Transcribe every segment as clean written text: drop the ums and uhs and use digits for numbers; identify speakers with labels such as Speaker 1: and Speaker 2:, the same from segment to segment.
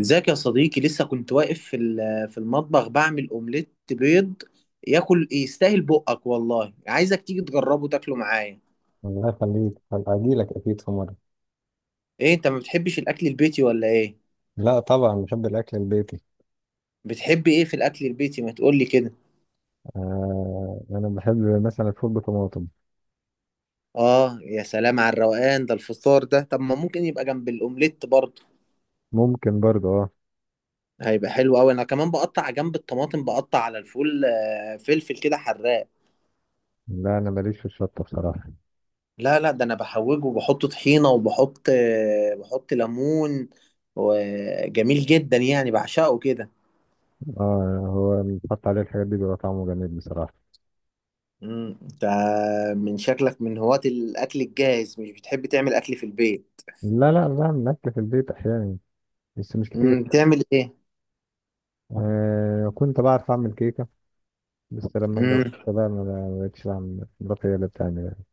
Speaker 1: ازيك يا صديقي؟ لسه كنت واقف في المطبخ بعمل اومليت بيض. ياكل يستاهل بقك والله، عايزك تيجي تجربه تاكله معايا.
Speaker 2: الله يخليك، هبقى أجيلك أكيد في مرة.
Speaker 1: ايه انت ما بتحبش الاكل البيتي ولا ايه؟
Speaker 2: لا، طبعا بحب الأكل البيتي.
Speaker 1: بتحب ايه في الاكل البيتي، ما تقولي كده.
Speaker 2: آه، أنا بحب مثلا الفول بطماطم.
Speaker 1: اه، يا سلام على الروقان ده، الفطار ده طب ما ممكن يبقى جنب الاومليت برضه.
Speaker 2: ممكن برضه، أه.
Speaker 1: هيبقى حلو قوي. انا كمان بقطع جنب الطماطم، بقطع على الفول، فلفل كده حراق.
Speaker 2: لا، أنا ماليش في الشطة بصراحة.
Speaker 1: لا لا، ده انا بحوجه وبحط طحينه وبحط آه، بحط ليمون، وجميل جدا يعني، بعشقه كده.
Speaker 2: أه، هو بنحط عليه الحاجات دي بيبقى طعمه جميل بصراحة.
Speaker 1: انت من شكلك من هواة الاكل الجاهز، مش بتحب تعمل اكل في البيت.
Speaker 2: لا لا، بعمل أكل في البيت أحيانا. بس مش كتير.
Speaker 1: بتعمل ايه؟
Speaker 2: آه، كنت بعرف أعمل كيكة. بس لما اتجوزت
Speaker 1: امم
Speaker 2: بقى ما بقتش بعمل، مراتي هي اللي بتعمل يعني.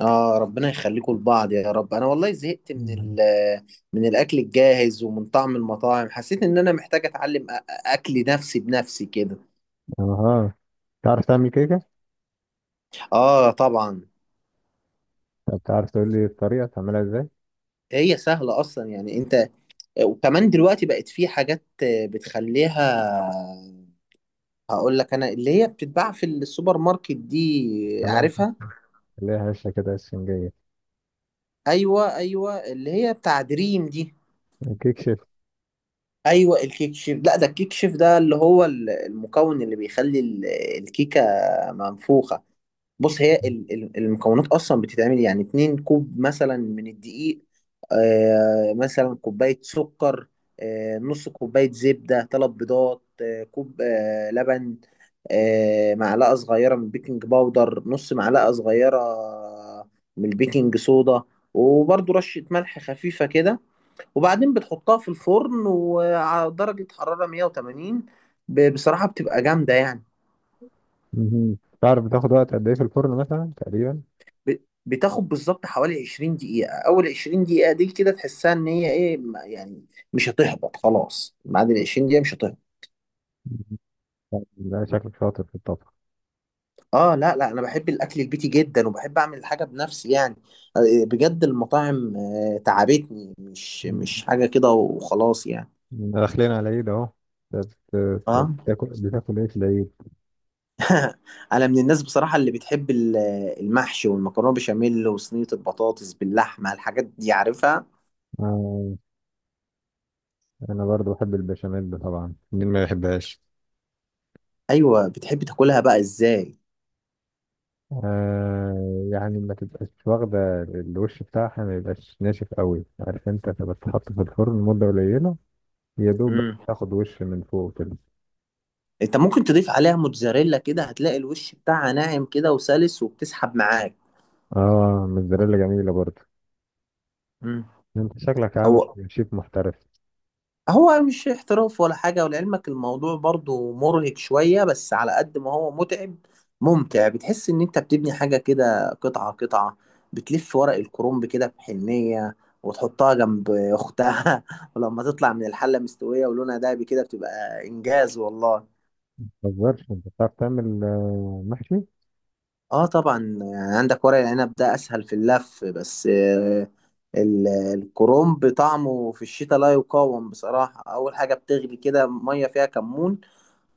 Speaker 1: اه، ربنا يخليكم لبعض يا رب. انا والله زهقت من
Speaker 2: مهم.
Speaker 1: من الاكل الجاهز ومن طعم المطاعم. حسيت ان انا محتاج اتعلم اكل نفسي بنفسي كده.
Speaker 2: أها. تعرف تعمل كيكة؟
Speaker 1: اه طبعا.
Speaker 2: طب تعرف تقول لي الطريقة تعملها إزاي؟
Speaker 1: هي سهله اصلا يعني. انت وكمان دلوقتي بقت في حاجات بتخليها. هقول لك انا اللي هي بتتباع في السوبر ماركت دي،
Speaker 2: خليها،
Speaker 1: عارفها.
Speaker 2: خليها هشة كده، اسفنجية.
Speaker 1: ايوه ايوه، اللي هي بتاع دريم دي.
Speaker 2: كيك شيف.
Speaker 1: ايوه الكيك شيف. لا ده الكيك شيف ده اللي هو المكون اللي بيخلي الكيكه منفوخه. بص، هي المكونات اصلا بتتعمل يعني اتنين كوب مثلا من الدقيق، مثلا كوبايه سكر، نص كوبايه زبده، ثلاث بيضات، كوب لبن، معلقة صغيرة من البيكنج باودر، نص معلقة صغيرة من البيكنج صودا، وبرضو رشة ملح خفيفة كده، وبعدين بتحطها في الفرن وعلى درجة حرارة 180. بصراحة بتبقى جامدة يعني.
Speaker 2: مهم. تعرف بتاخد وقت قد ايه في الفرن مثلا، تقريبا؟
Speaker 1: ب- بتاخد بالظبط حوالي 20 دقيقة. أول 20 دقيقة دي كده تحسها إن هي إيه يعني مش هتهبط. خلاص، بعد ال 20 دقيقة مش هتهبط.
Speaker 2: مهم. لا، شكلك شاطر في الطبخ.
Speaker 1: اه لا لا، انا بحب الاكل البيتي جدا وبحب اعمل الحاجه بنفسي يعني. بجد المطاعم تعبتني، مش
Speaker 2: مهم.
Speaker 1: مش حاجه كده وخلاص يعني.
Speaker 2: داخلين على العيد اهو. بت- بت-
Speaker 1: اه،
Speaker 2: بتاكل بتاكل ايه في العيد؟
Speaker 1: انا من الناس بصراحه اللي بتحب المحشي والمكرونه بشاميل وصينيه البطاطس باللحمه، الحاجات دي عارفها.
Speaker 2: آه، انا برضو بحب البشاميل، طبعا مين ما يحبهاش؟
Speaker 1: ايوه، بتحب تاكلها بقى ازاي؟
Speaker 2: آه، يعني ما تبقاش واخدة الوش بتاعها، ما يبقاش ناشف قوي، عارف انت تبقى تحط في الفرن مدة قليلة. يا دوب بس
Speaker 1: امم
Speaker 2: تاخد وش من فوق كده.
Speaker 1: انت ممكن تضيف عليها موتزاريلا كده، هتلاقي الوش بتاعها ناعم كده وسلس وبتسحب معاك.
Speaker 2: اه، موزاريلا جميلة برضو.
Speaker 1: امم
Speaker 2: انت شكلك عامل
Speaker 1: هو
Speaker 2: شيف محترف.
Speaker 1: هو مش احتراف ولا حاجة. ولعلمك الموضوع برضو مرهق شوية، بس على قد ما هو متعب ممتع. بتحس ان انت بتبني حاجة كده قطعة قطعة. بتلف ورق الكرنب كده بحنية وتحطها جنب اختها ولما تطلع من الحلة مستوية ولونها دهبي كده بتبقى انجاز والله.
Speaker 2: متهزرش، انت بتعرف تعمل محشي؟
Speaker 1: اه طبعا. يعني عندك ورق العنب ده اسهل في اللف بس، الكرنب طعمه في الشتاء لا يقاوم بصراحة. اول حاجة بتغلي كده مية فيها كمون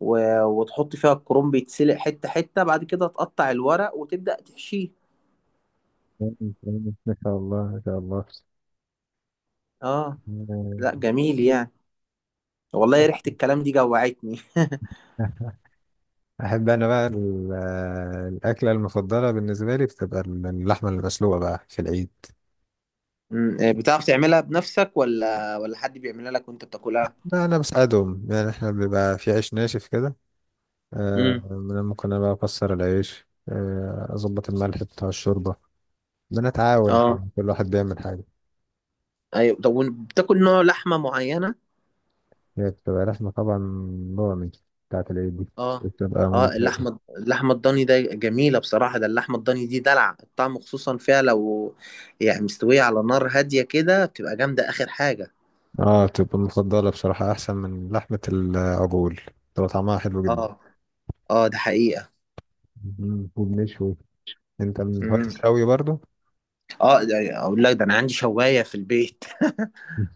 Speaker 1: و... وتحط فيها الكرنب يتسلق حتة حتة. بعد كده تقطع الورق وتبدأ تحشيه.
Speaker 2: مم، ما شاء الله، ما شاء الله.
Speaker 1: اه، لا جميل يعني. والله ريحة الكلام دي جوعتني
Speaker 2: آه، احب انا بقى الاكله المفضله بالنسبه لي، بتبقى اللحمه المسلوقه بقى في العيد.
Speaker 1: أمم، آه، بتعرف تعملها بنفسك ولا حد بيعملها لك وانت بتاكلها؟
Speaker 2: بقى انا بساعدهم، يعني احنا بيبقى في عيش ناشف كده. آه،
Speaker 1: امم
Speaker 2: أنا ممكن انا بقى اكسر العيش، اظبط الملح بتاع الشوربه. بنتعاون،
Speaker 1: اه
Speaker 2: كل واحد بيعمل حاجه.
Speaker 1: ايوه. طب بتاكل نوع لحمة معينة؟
Speaker 2: هي بتبقى لحمه طبعا، ضاني، بتاعت العيد دي
Speaker 1: اه
Speaker 2: بتبقى
Speaker 1: اه،
Speaker 2: ممتازه.
Speaker 1: اللحمة الضاني ده جميلة بصراحة. ده اللحمة الضاني دي دلع الطعم، خصوصا فيها لو يعني مستوية على نار هادية كده، بتبقى جامدة آخر حاجة.
Speaker 2: اه، تبقى المفضلة بصراحة، أحسن من لحمة العجول، تبقى طعمها حلو جدا.
Speaker 1: اه اه، ده حقيقة.
Speaker 2: وبنشوي. أنت من هواة
Speaker 1: مم.
Speaker 2: الشوي برضو؟
Speaker 1: اه، اقول لك، ده انا عندي شوايه في البيت
Speaker 2: مم.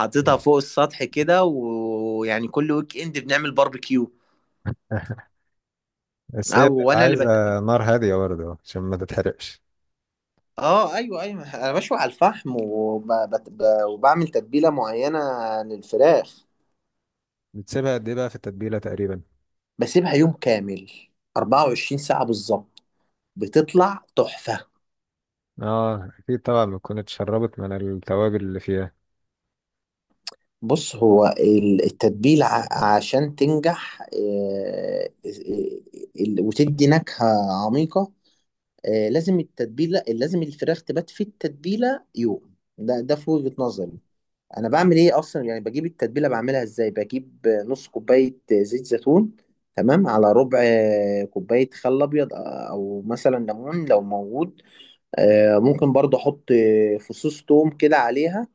Speaker 1: حاططها فوق السطح كده ويعني كل ويك اند بنعمل باربيكيو.
Speaker 2: بس هي
Speaker 1: او،
Speaker 2: بتبقى
Speaker 1: وانا اللي
Speaker 2: عايزة نار هادية برضو عشان ما تتحرقش.
Speaker 1: اه ايوه ايوه، انا بشوي على الفحم وبعمل تتبيله معينه للفراخ.
Speaker 2: بتسيبها قد إيه بقى في التتبيلة تقريبا؟
Speaker 1: بسيبها يوم كامل، 24 ساعه بالظبط، بتطلع تحفه.
Speaker 2: اه أكيد طبعا، بتكون اتشربت من التوابل اللي فيها.
Speaker 1: بص، هو التتبيله عشان تنجح، وتدي نكهه عميقه. لازم التتبيله، لازم الفراخ تبات في التتبيله يوم، ده في وجهه نظري. انا بعمل ايه اصلا يعني؟ بجيب التتبيله، بعملها ازاي؟ بجيب نص كوبايه زيت زيتون تمام، على ربع كوبايه خل ابيض، او مثلا ليمون لو موجود، ممكن برضه احط فصوص توم كده عليها،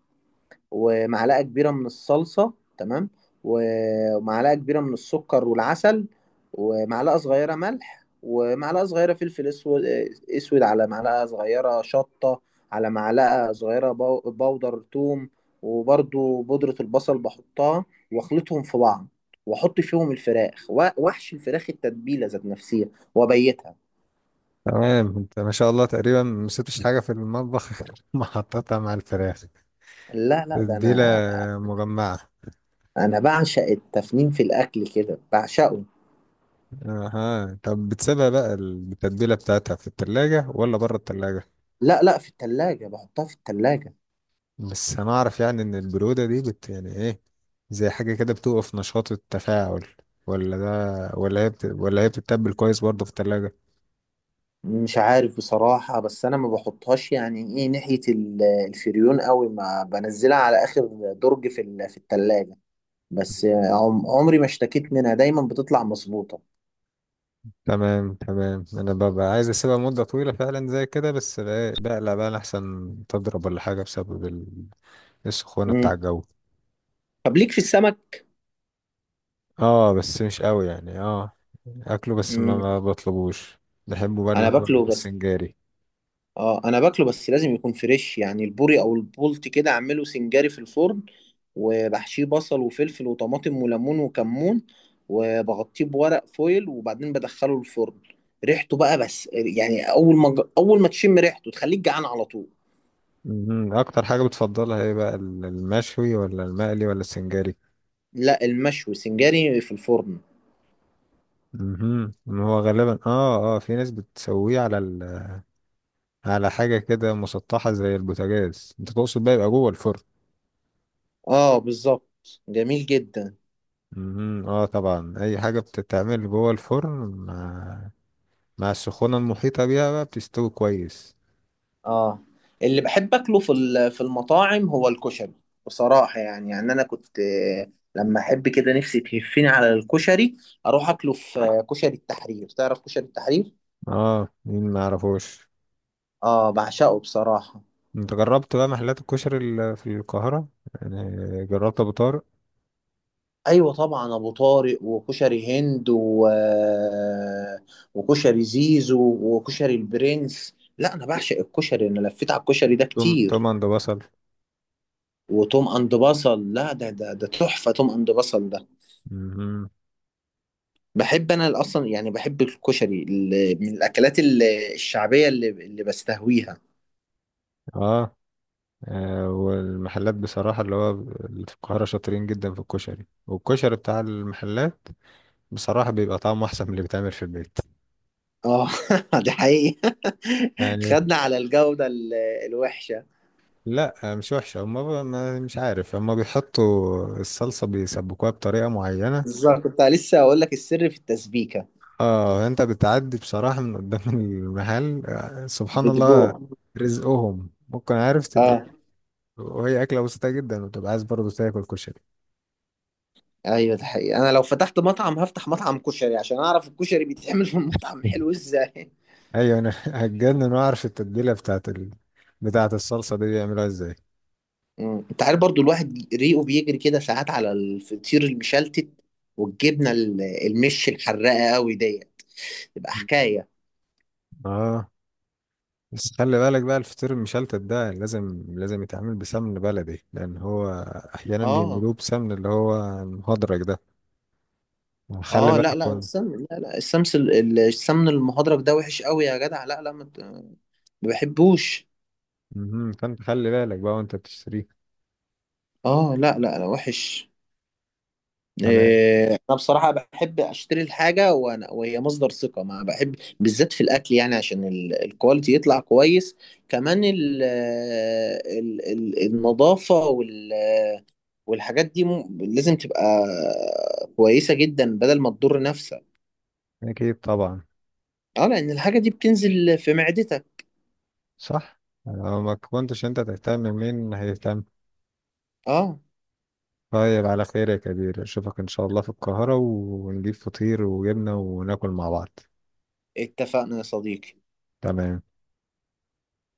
Speaker 1: ومعلقه كبيره من الصلصه تمام، ومعلقه كبيره من السكر والعسل، ومعلقه صغيره ملح، ومعلقه صغيره فلفل اسود، على معلقه صغيره شطه، على معلقه صغيره بودر ثوم، وبرضو بودره البصل بحطها، واخلطهم في بعض، واحط فيهم الفراخ واحشي الفراخ التتبيله ذات نفسها وابيتها.
Speaker 2: تمام، أنت ما شاء الله تقريبا ما سبتش حاجة في المطبخ غير ما حطيتها مع الفراخ.
Speaker 1: لا لا، ده
Speaker 2: تتبيلة
Speaker 1: انا
Speaker 2: مجمعة.
Speaker 1: انا بعشق التفنين في الاكل كده، بعشقه.
Speaker 2: اها، طب بتسيبها بقى التتبيلة بتاعتها في التلاجة ولا بره التلاجة؟
Speaker 1: لا لا، في التلاجة بحطها، في التلاجة.
Speaker 2: بس انا اعرف يعني ان البرودة دي يعني ايه، زي حاجة كده بتوقف نشاط التفاعل، ولا ده، ولا هي بتتبل كويس برضه في التلاجة؟
Speaker 1: مش عارف بصراحة، بس أنا ما بحطهاش يعني إيه ناحية الفريون قوي، ما بنزلها على آخر درج في التلاجة. بس عمري ما اشتكيت منها، دايما بتطلع مظبوطة.
Speaker 2: تمام تمام، انا ببقى عايز اسيبها مدة طويلة فعلا زي كده، بس بقى- إيه، بقلق بقى احسن تضرب ولا حاجة بسبب السخونة بتاع
Speaker 1: مم.
Speaker 2: الجو.
Speaker 1: طب ليك في السمك؟
Speaker 2: اه، بس مش قوي يعني، اه. اكله بس ما
Speaker 1: مم.
Speaker 2: ما بطلبوش. بحبه بقى، اللي
Speaker 1: أنا
Speaker 2: هو
Speaker 1: باكله بس.
Speaker 2: السنجاري.
Speaker 1: اه، انا باكله بس لازم يكون فريش، يعني البوري او البولت كده اعمله سنجاري في الفرن، وبحشيه بصل وفلفل وطماطم وليمون وكمون، وبغطيه بورق فويل وبعدين بدخله الفرن. ريحته بقى بس يعني، اول ما تشم ريحته تخليك جعان على طول.
Speaker 2: مهم. اكتر حاجة بتفضلها ايه بقى، المشوي ولا المقلي ولا السنجاري؟
Speaker 1: لا، المشوي سنجاري في الفرن.
Speaker 2: مهم. ما هو غالبا في ناس بتسويه على على حاجة كده مسطحة زي البوتاجاز، انت تقصد بقى يبقى جوه الفرن.
Speaker 1: اه بالظبط، جميل جدا.
Speaker 2: مهم. اه طبعا، اي حاجة بتتعمل جوه الفرن مع مع السخونة المحيطة بيها بقى بتستوي كويس.
Speaker 1: اه، اللي بحب اكله في المطاعم هو الكشري، بصراحه يعني. انا كنت، لما احب كده نفسي تهفني على الكشري، اروح اكله في كشري التحرير. تعرف كشري التحرير؟
Speaker 2: اه، مين ما يعرفوش؟
Speaker 1: اه، بعشقه بصراحه.
Speaker 2: انت جربت بقى محلات الكشري في القاهرة، يعني؟ جربت ابو طارق؟
Speaker 1: ايوه طبعا، ابو طارق وكشري هند و... آه، وكشري زيزو وكشري البرنس. لا انا بعشق الكشري، انا لفيت على الكشري ده
Speaker 2: توم
Speaker 1: كتير.
Speaker 2: توم عند بصل؟
Speaker 1: وتوم اند بصل، لا ده ده تحفه توم اند بصل ده.
Speaker 2: مهم.
Speaker 1: بحب انا اصلا يعني، بحب الكشري اللي من الاكلات الشعبيه اللي بستهويها.
Speaker 2: اه والمحلات بصراحة اللي هو اللي في القاهرة شاطرين جدا في الكشري، والكشري بتاع المحلات بصراحة بيبقى طعمه أحسن من اللي بيتعمل في البيت،
Speaker 1: اه دي حقيقه.
Speaker 2: يعني.
Speaker 1: خدنا على الجوده الوحشه.
Speaker 2: لا مش وحشة، هما مش عارف، هما بيحطوا الصلصة بيسبكوها بطريقة معينة.
Speaker 1: بالظبط، كنت لسه اقول لك السر في التسبيكه.
Speaker 2: اه، انت بتعدي بصراحة من قدام المحل، سبحان الله
Speaker 1: بتجوع.
Speaker 2: رزقهم، ممكن عارف تبقى،
Speaker 1: اه
Speaker 2: وهي أكلة بسيطة جدا وتبقى عايز برضه تاكل كشري.
Speaker 1: ايوه، ده حقيقه. انا لو فتحت مطعم هفتح مطعم كشري، عشان اعرف الكشري بيتعمل في المطعم حلو ازاي.
Speaker 2: ايوه انا هتجنن، واعرف التتبيله بتاعت بتاعت الصلصه دي بيعملوها ازاي.
Speaker 1: مم. انت عارف برضو الواحد ريقه بيجري كده ساعات على الفطير المشلتت، والجبنه المش الحراقه قوي ديت، تبقى حكايه.
Speaker 2: اه، بس خلي بالك بقى الفطير المشلتت ده لازم لازم يتعمل بسمن بلدي، لان هو احيانا
Speaker 1: اه
Speaker 2: بيعملوه بسمن، اللي هو المهدرج ده، خلي
Speaker 1: اه، لا
Speaker 2: بالك
Speaker 1: لا
Speaker 2: وان.
Speaker 1: السمن، لا لا السمن المهدرج ده وحش قوي يا جدع. لا لا، ما بحبوش.
Speaker 2: مهم. فانت خلي بالك بقى وانت بتشتريه.
Speaker 1: اه لا لا لا، وحش.
Speaker 2: تمام.
Speaker 1: إيه، انا بصراحة بحب اشتري الحاجة وانا وهي مصدر ثقة، ما بحب بالذات في الاكل يعني عشان الكواليتي يطلع كويس. كمان ال ال ال النظافة والحاجات دي لازم تبقى كويسة جدا، بدل ما تضر نفسك.
Speaker 2: اكيد طبعا.
Speaker 1: اه، لان الحاجة دي بتنزل في معدتك.
Speaker 2: صح. لو ما كنتش انت تهتم، مين هيهتم؟
Speaker 1: اه،
Speaker 2: طيب، على خير يا كبير، اشوفك ان شاء الله في القاهرة ونجيب فطير وجبنة وناكل مع بعض.
Speaker 1: اتفقنا يا صديقي.
Speaker 2: تمام.